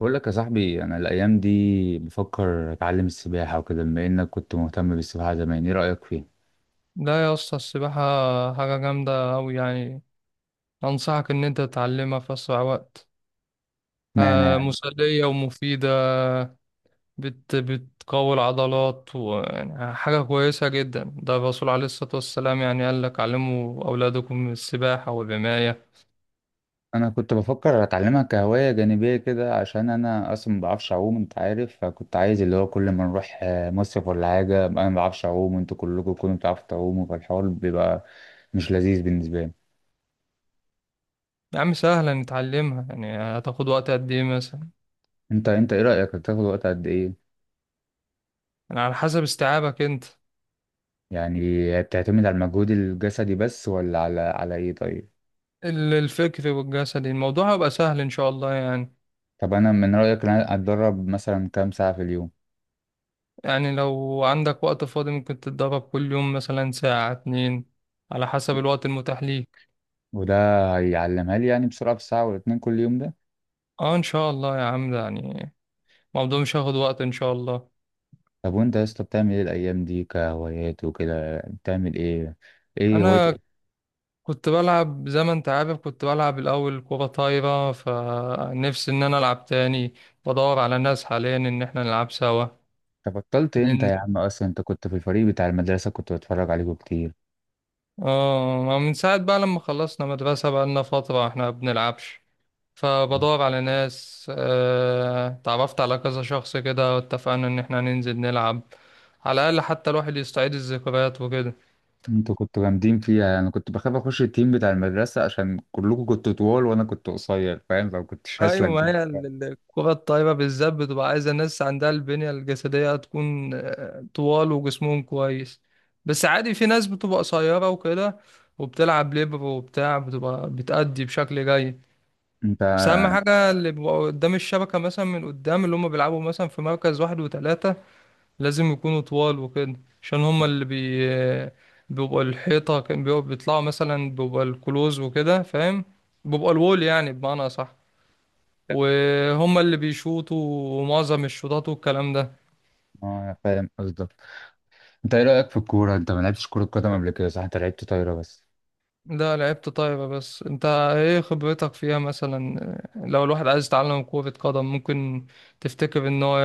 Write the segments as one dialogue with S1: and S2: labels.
S1: بقول لك يا صاحبي، انا الايام دي بفكر اتعلم السباحه وكده. بما انك كنت مهتم بالسباحه زمان، ايه رايك فيها؟
S2: لا يا اسطى، السباحة حاجة جامدة أوي يعني. أنصحك إن أنت تتعلمها في أسرع وقت.
S1: معنى يعني.
S2: مسلية ومفيدة. بتقوي العضلات ويعني حاجة كويسة جدا، ده الرسول عليه الصلاة والسلام يعني قال لك علموا أولادكم السباحة والرماية.
S1: انا كنت بفكر اتعلمها كهوايه جانبيه كده، عشان انا اصلا ما بعرفش اعوم، انت عارف. فكنت عايز اللي هو كل ما نروح مصيف ولا حاجه أبقى انا ما بعرفش اعوم، وانتوا كلكم تكونوا بتعرفوا تعوموا، فالحوار بيبقى مش لذيذ بالنسبه لي.
S2: يا عم سهلة نتعلمها، يعني هتاخد وقت قد إيه مثلا؟
S1: انت، ايه رايك، هتاخد وقت قد ايه؟
S2: يعني على حسب استيعابك أنت.
S1: يعني. بتعتمد على المجهود الجسدي بس، ولا على ايه؟ طيب.
S2: الفكر والجسدي، الموضوع هيبقى سهل إن شاء الله يعني.
S1: طب انا من رايك ان انا اتدرب مثلا كام ساعه في اليوم؟
S2: يعني لو عندك وقت فاضي ممكن تتدرب كل يوم، مثلا ساعة اتنين، على حسب الوقت المتاح ليك.
S1: وده هيعلمها لي يعني بسرعة في ساعة ولا 2 كل يوم ده؟
S2: اه ان شاء الله يا عم، ده يعني الموضوع مش هياخد وقت ان شاء الله.
S1: طب وانت يا اسطى بتعمل ايه الأيام دي كهوايات وكده؟ بتعمل ايه؟ ايه هوايتك؟
S2: انا كنت بلعب زي ما انت عارف، كنت بلعب الاول كرة طايرة، فنفسي ان انا العب تاني. بدور على ناس حاليا ان احنا نلعب سوا.
S1: انت بطلت امتى يا
S2: ننزل.
S1: عم؟ أصلا انت كنت في الفريق بتاع المدرسة، كنت بتفرج عليكم كتير.
S2: اه، من ساعة بقى لما خلصنا مدرسة بقى لنا فترة احنا ما بنلعبش. فبدور على ناس، تعرفت على كذا شخص كده، واتفقنا ان احنا ننزل نلعب، على الاقل حتى الواحد يستعيد الذكريات وكده.
S1: انتوا كنتوا جامدين فيها. انا كنت بخاف اخش التيم بتاع المدرسة عشان كلكم كنتوا طوال وانا كنت قصير، فاهم؟ فما كنتش
S2: ايوه،
S1: هسلك
S2: ما
S1: بيه.
S2: هي الكرة الطايرة بالذات بتبقى عايزة ناس عندها البنية الجسدية تكون طوال وجسمهم كويس. بس عادي، في ناس بتبقى قصيرة وكده وبتلعب ليبر وبتاع، بتبقى بتأدي بشكل جيد.
S1: انت،
S2: بس أهم حاجة اللي بيبقوا قدام الشبكة، مثلا من قدام، اللي هم بيلعبوا مثلا في مركز واحد وتلاتة، لازم يكونوا طوال وكده. عشان هما اللي بيبقى الحيطة، كان بيطلعوا مثلا بيبقى الكلوز وكده، فاهم. بيبقى الوول، يعني بمعنى صح، وهما اللي بيشوطوا معظم الشوطات والكلام ده.
S1: اه، فاهم قصدك. انت، ايه رأيك في الكورة؟ انت ما لعبتش كرة قدم قبل كده، صح؟ انت لعبت طايرة بس.
S2: لا لعبت طايرة بس، انت ايه خبرتك فيها مثلا؟ لو الواحد عايز يتعلم كرة قدم، ممكن تفتكر ان هو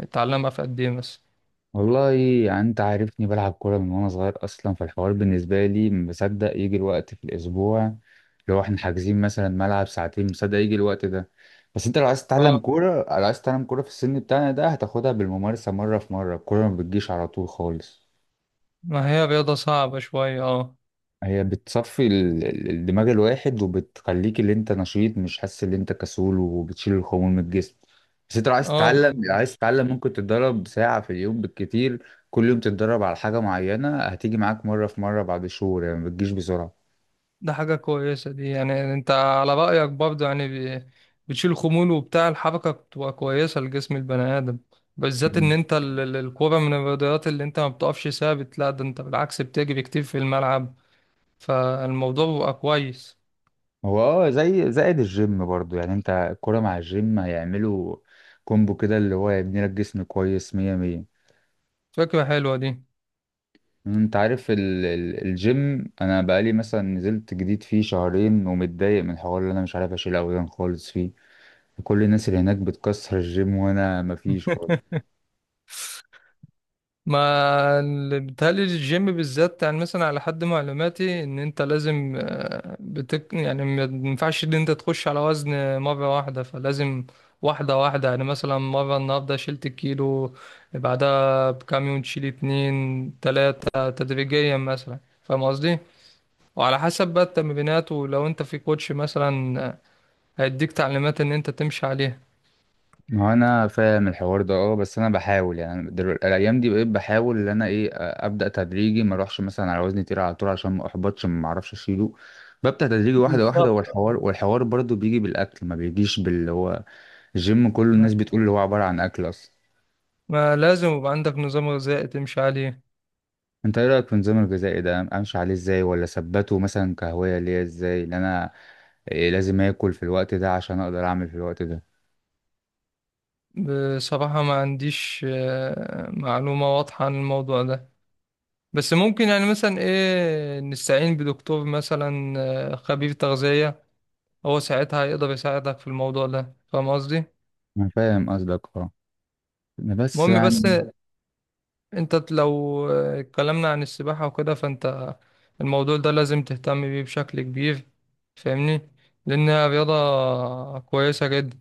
S2: يتعلمها في قد ايه مثلا؟
S1: والله. يعني انت عارفني بلعب كورة من وانا صغير اصلا، فالحوار بالنسبة لي مصدق يجي الوقت في الاسبوع. لو احنا حاجزين مثلا ملعب ساعتين، مصدق يجي الوقت ده. بس انت لو عايز تتعلم
S2: اه،
S1: كورة، لو عايز تتعلم كورة في السن بتاعنا ده، هتاخدها بالممارسة مرة في مرة. الكورة ما بتجيش على طول خالص.
S2: ما هي رياضة صعبة شوية اه.
S1: هي بتصفي الدماغ الواحد، وبتخليك اللي انت نشيط، مش حاسس ان انت كسول، وبتشيل الخمول من الجسم. بس انت لو عايز تتعلم
S2: اه،
S1: لو عايز تتعلم ممكن تتدرب ساعة في اليوم بالكتير. كل يوم تتدرب على حاجة معينة، هتيجي معاك مرة في مرة بعد شهور، يعني ما بتجيش بسرعة.
S2: ده حاجة كويسة دي، يعني انت على رأيك برضه يعني. ب- بتشيل خمول وبتاع، الحركة بتبقى كويسة لجسم البني آدم، بالذات ان
S1: مم.
S2: انت الكورة من الرياضيات اللي انت ما بتقفش ثابت، لا ده انت بالعكس بتجري كتير في الملعب. فالموضوع بيبقى كويس.
S1: هو اه، زي زائد الجيم برضو. يعني انت الكرة مع الجيم هيعملوا كومبو كده، اللي هو يبني لك جسم كويس مية مية.
S2: فكرة حلوة دي.
S1: انت عارف الجيم، انا بقالي مثلا نزلت جديد فيه شهرين، ومتضايق من الحوار اللي انا مش عارف اشيل اوزان خالص فيه. كل الناس اللي هناك بتكسر الجيم وانا مفيش خالص.
S2: ما بيتهيألي الجيم بالذات، يعني مثلا على حد معلوماتي ان انت لازم، بتك يعني ما ينفعش ان انت تخش على وزن مرة واحدة، فلازم واحدة واحدة، يعني مثلا مرة النهاردة شلت كيلو، بعدها بكام يوم تشيل اتنين تلاتة تدريجيا مثلا، فاهم قصدي؟ وعلى حسب بقى التمرينات، ولو انت في كوتش مثلا هيديك تعليمات ان انت تمشي عليها.
S1: ما انا فاهم الحوار ده اه. بس انا بحاول، يعني الايام دي بقيت بحاول ان انا ايه، ابدا تدريجي، ما اروحش مثلا على وزن تقيل على طول عشان ما احبطش، ما اعرفش اشيله. ببدأ تدريجي واحدة واحدة،
S2: بالظبط آه.
S1: والحوار برضو بيجي بالأكل، ما بيجيش باللي هو. الجيم كله
S2: ما
S1: الناس بتقول اللي هو عبارة عن أكل أصلا.
S2: ما لازم يبقى عندك نظام غذائي تمشي عليه.
S1: انت ايه رايك في النظام الغذائي ده؟ امشي عليه ازاي؟ ولا اثبته مثلا كهوايه ليا ازاي، ان انا إيه لازم اكل في الوقت ده عشان اقدر اعمل في الوقت ده؟
S2: بصراحة ما عنديش معلومة واضحة عن الموضوع ده. بس ممكن يعني مثلا ايه، نستعين بدكتور مثلا، خبير تغذية. هو ساعتها هيقدر يساعدك في الموضوع ده، فاهم قصدي؟
S1: انا فاهم قصدك اه. بس
S2: المهم بس،
S1: يعني.
S2: انت لو اتكلمنا عن السباحة وكده فانت الموضوع ده لازم تهتم بيه بشكل كبير، فاهمني؟ لأنها رياضة كويسة جدا.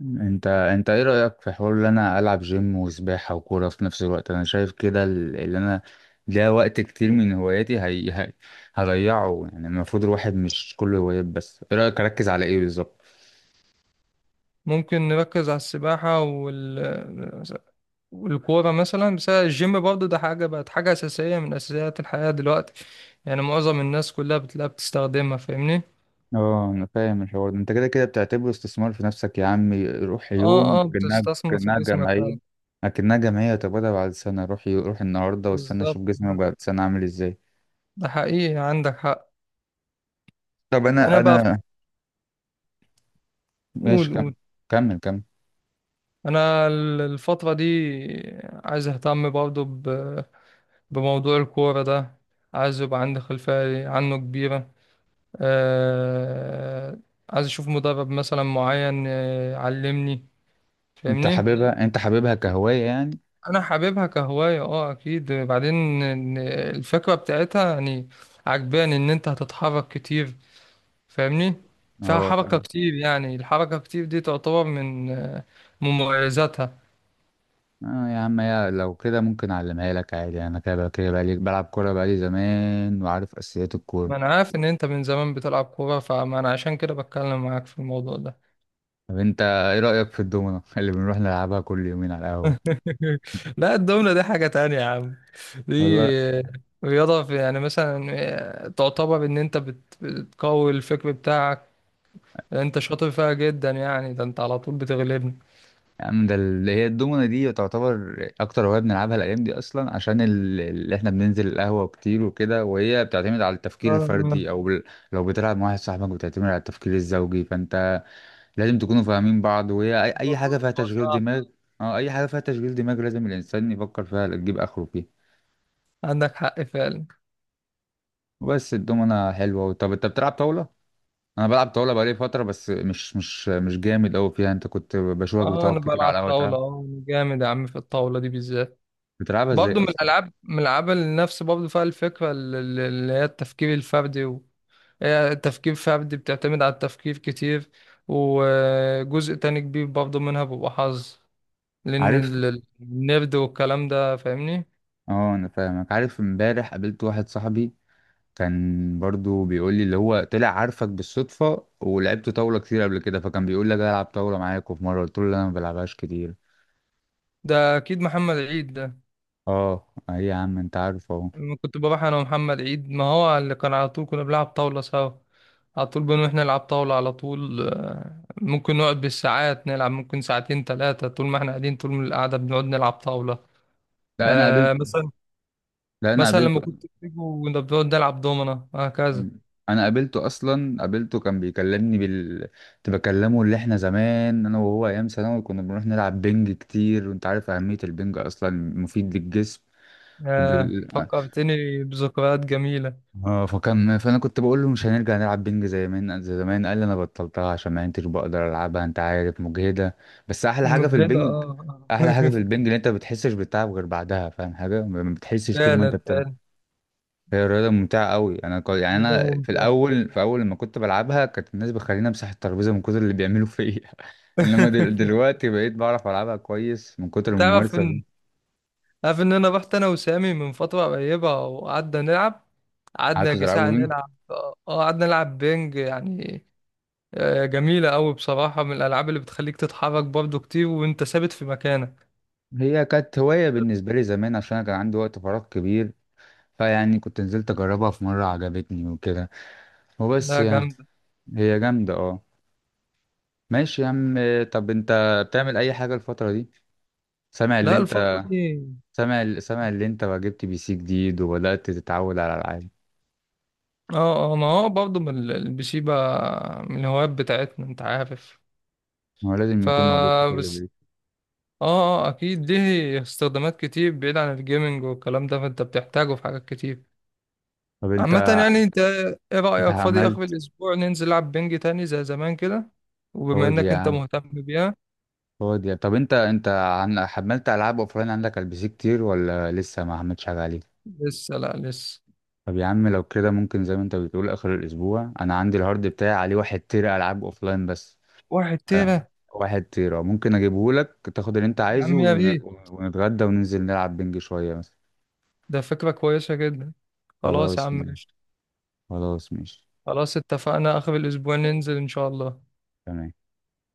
S1: مم. انت ايه رايك في حوار ان انا العب جيم وسباحه وكوره في نفس الوقت؟ انا شايف كده اللي انا ده وقت كتير من هواياتي هضيعه. يعني المفروض الواحد مش كله هوايات بس. ايه رايك اركز على ايه بالظبط؟
S2: ممكن نركز على السباحة والكورة مثلا، بس الجيم برضه ده حاجة، بقت حاجة أساسية من أساسيات الحياة دلوقتي. يعني معظم الناس كلها بتلاقيها بتستخدمها، فاهمني؟
S1: اه انا فاهم الحوار ده. انت كده كده بتعتبره استثمار في نفسك يا عمي، روح
S2: اه،
S1: يوم
S2: اه،
S1: اكنها
S2: بتستثمر في
S1: اكنها
S2: جسمك
S1: جمعيه.
S2: فعلا.
S1: طب انا بعد سنه، روح روح النهارده واستنى
S2: بالظبط،
S1: اشوف جسمي
S2: ده
S1: بعد سنه عامل ازاي.
S2: ده حقيقي عندك حق.
S1: طب
S2: أنا
S1: انا
S2: بقى.
S1: انا ماشي،
S2: قول
S1: كمل
S2: قول.
S1: كمل كمل.
S2: أنا الفترة دي عايز أهتم برضه بموضوع الكورة ده. عايز يبقى عندي خلفية عنه كبيرة. آه عايز أشوف مدرب مثلا معين يعلمني،
S1: انت
S2: فاهمني؟
S1: حاببها انت حاببها كهوايه يعني؟
S2: انا حاببها كهواية اه اكيد، بعدين إن الفكرة بتاعتها يعني عجباني، ان انت هتتحرك كتير، فاهمني. فيها
S1: اه
S2: حركة
S1: فاهم.
S2: كتير، يعني الحركة كتير دي تعتبر من، من مميزاتها.
S1: اه يا عم، يا لو كده ممكن اعلمها لك عادي. انا كده كده بقالي بلعب كوره بقالي زمان، وعارف اساسيات الكوره.
S2: ما انا عارف ان انت من زمان بتلعب كورة، فما انا عشان كده بتكلم معاك في الموضوع ده.
S1: طب انت ايه رايك في الدومنه اللي بنروح نلعبها كل يومين على القهوه؟
S2: لا الدومنة دي حاجة تانية يا عم. دي
S1: والله
S2: آه، رياضة في يعني مثلا، تعتبر ان انت بتقوي الفكر بتاعك. انت شاطر فيها جدا، يعني ده انت على طول بتغلبني.
S1: يا عم، ده اللي هي الدومنة دي تعتبر أكتر هواية بنلعبها الأيام دي أصلا، عشان اللي إحنا بننزل القهوة كتير وكده. وهي بتعتمد على التفكير
S2: إن
S1: الفردي أو لو بتلعب مع واحد صاحبك بتعتمد على التفكير الزوجي، فأنت لازم تكونوا فاهمين بعض. وهي أي
S2: الموضوع
S1: حاجة فيها
S2: بيبقى
S1: تشغيل
S2: صعب.
S1: دماغ. أه، أي حاجة فيها تشغيل دماغ لازم الإنسان يفكر فيها، تجيب آخره فيها.
S2: عندك حق فعلا.
S1: وبس. الدومنة حلوة. طب أنت بتلعب طاولة؟ أنا بلعب طاولة بقالي فترة، بس مش جامد أوي فيها. أنت كنت بشوفك
S2: اه
S1: بتقعد
S2: انا
S1: كتير على
S2: بلعب
S1: القهوة
S2: طاولة،
S1: تلعب.
S2: اه انا جامد يا عم في الطاولة دي بالذات.
S1: بتلعبها إزاي
S2: برضه من
S1: أصلا؟
S2: الالعاب من الالعاب اللي نفس برضه فيها الفكرة، اللي هي التفكير الفردي هي تفكير فردي، بتعتمد على التفكير كتير، وجزء تاني كبير برضه منها بيبقى حظ، لان
S1: عارف.
S2: النرد والكلام ده، فاهمني.
S1: اه انا فاهمك. عارف، امبارح قابلت واحد صاحبي كان برضو بيقول لي اللي هو طلع عارفك بالصدفة، ولعبت طاولة كتير قبل كده، فكان بيقول لك العب طاولة معاك. وفي مرة قلت له لا، انا ما بلعبهاش كتير.
S2: ده اكيد محمد عيد ده.
S1: اه، اي يا عم، انت عارف اهو.
S2: لما كنت بروح انا ومحمد عيد، ما هو اللي كان على طول كنا بنلعب طاولة سوا. على طول بنروح نلعب طاولة على طول، ممكن نقعد بالساعات نلعب، ممكن ساعتين ثلاثة، طول ما احنا قاعدين، طول من القعدة بنقعد نلعب طاولة.
S1: لا انا قابلت
S2: آه مثلا
S1: لا انا
S2: مثلا لما
S1: قابلته
S2: كنت بتيجوا كنا بنقعد نلعب دومنة وهكذا.
S1: انا قابلته اصلا، قابلته كان بيكلمني بال كنت بكلمه اللي احنا زمان انا وهو ايام ثانوي كنا بنروح نلعب بنج كتير. وانت عارف اهمية البنج اصلا مفيد للجسم وب...
S2: فكرتني بذكريات جميلة.
S1: اه. فكان، فانا كنت بقول له مش هنرجع نلعب بينج زي زمان زي زمان؟ قال لي انا بطلتها عشان ما كنتش بقدر العبها، انت عارف مجهده. بس احلى حاجه في
S2: مجهدة
S1: البنج
S2: اه.
S1: احلى حاجه
S2: آه.
S1: في البنج ان انت ما بتحسش بالتعب غير بعدها، فاهم حاجه؟ ما بتحسش طول ما انت
S2: فعلا
S1: بتلعب.
S2: فعلا.
S1: هي رياضه ممتعه قوي. انا يعني
S2: مجهدة
S1: انا
S2: ممتعة.
S1: في اول لما كنت بلعبها كانت الناس بتخليني امسح الترابيزه من كتر اللي بيعملوا فيا. انما دلوقتي بقيت بعرف العبها كويس من كتر
S2: تعرف
S1: الممارسه دي.
S2: ان عارف ان انا رحت انا وسامي من فتره قريبه وقعدنا نلعب، قعدنا
S1: قعدت
S2: يا
S1: العبها
S2: جساعة
S1: بينج.
S2: نلعب، اه قعدنا نلعب بينج يعني. جميله قوي بصراحه، من الالعاب اللي بتخليك تتحرك برضو كتير وانت ثابت في مكانك.
S1: هي كانت هوايه بالنسبه لي زمان عشان انا كان عندي وقت فراغ كبير. فيعني كنت نزلت اجربها في مرة، عجبتني وكده. وبس
S2: لا
S1: يعني.
S2: جامده.
S1: هي جامدة اه. ماشي يا عم. طب انت، بتعمل اي حاجة الفترة دي؟ سامع اللي
S2: لا الفتره
S1: انت
S2: دي،
S1: سامع اللي انت جبت PC جديد وبدأت تتعود على العاب.
S2: اه اه ما هو برضو من البي سي بقى من الهوايات بتاعتنا، انت عارف.
S1: هو لازم يكون موجود في كل
S2: فبس.
S1: بيت.
S2: اه اه اكيد، ليه استخدامات كتير بعيد عن الجيمنج والكلام ده، فانت بتحتاجه في حاجات كتير
S1: طب انت
S2: عامة يعني. انت ايه
S1: انت
S2: رأيك فاضي اخر
S1: عملت
S2: الاسبوع ننزل نلعب بنج تاني زي زمان كده، وبما
S1: فاضي
S2: انك
S1: يا
S2: انت
S1: عم؟
S2: مهتم بيها.
S1: طب انت حملت العاب اوفلاين عندك على الPC كتير، ولا لسه ما عملتش حاجة عليه؟
S2: لسه، لا لسه.
S1: طب يا عم لو كده ممكن زي ما انت بتقول اخر الاسبوع. انا عندي الهارد بتاعي عليه 1 تيرا العاب اوفلاين بس.
S2: واحد
S1: آه،
S2: تيرة
S1: 1 تيرة ممكن اجيبه لك تاخد اللي انت
S2: يا
S1: عايزه
S2: عم يا بيه،
S1: ونتغدى وننزل نلعب بنج شوية مثلا.
S2: ده فكرة كويسة جدا. خلاص يا
S1: خلاص
S2: عم
S1: ماشي.
S2: قشطة.
S1: خلاص ماشي.
S2: خلاص اتفقنا اخر الاسبوع ننزل ان شاء الله.
S1: تمام.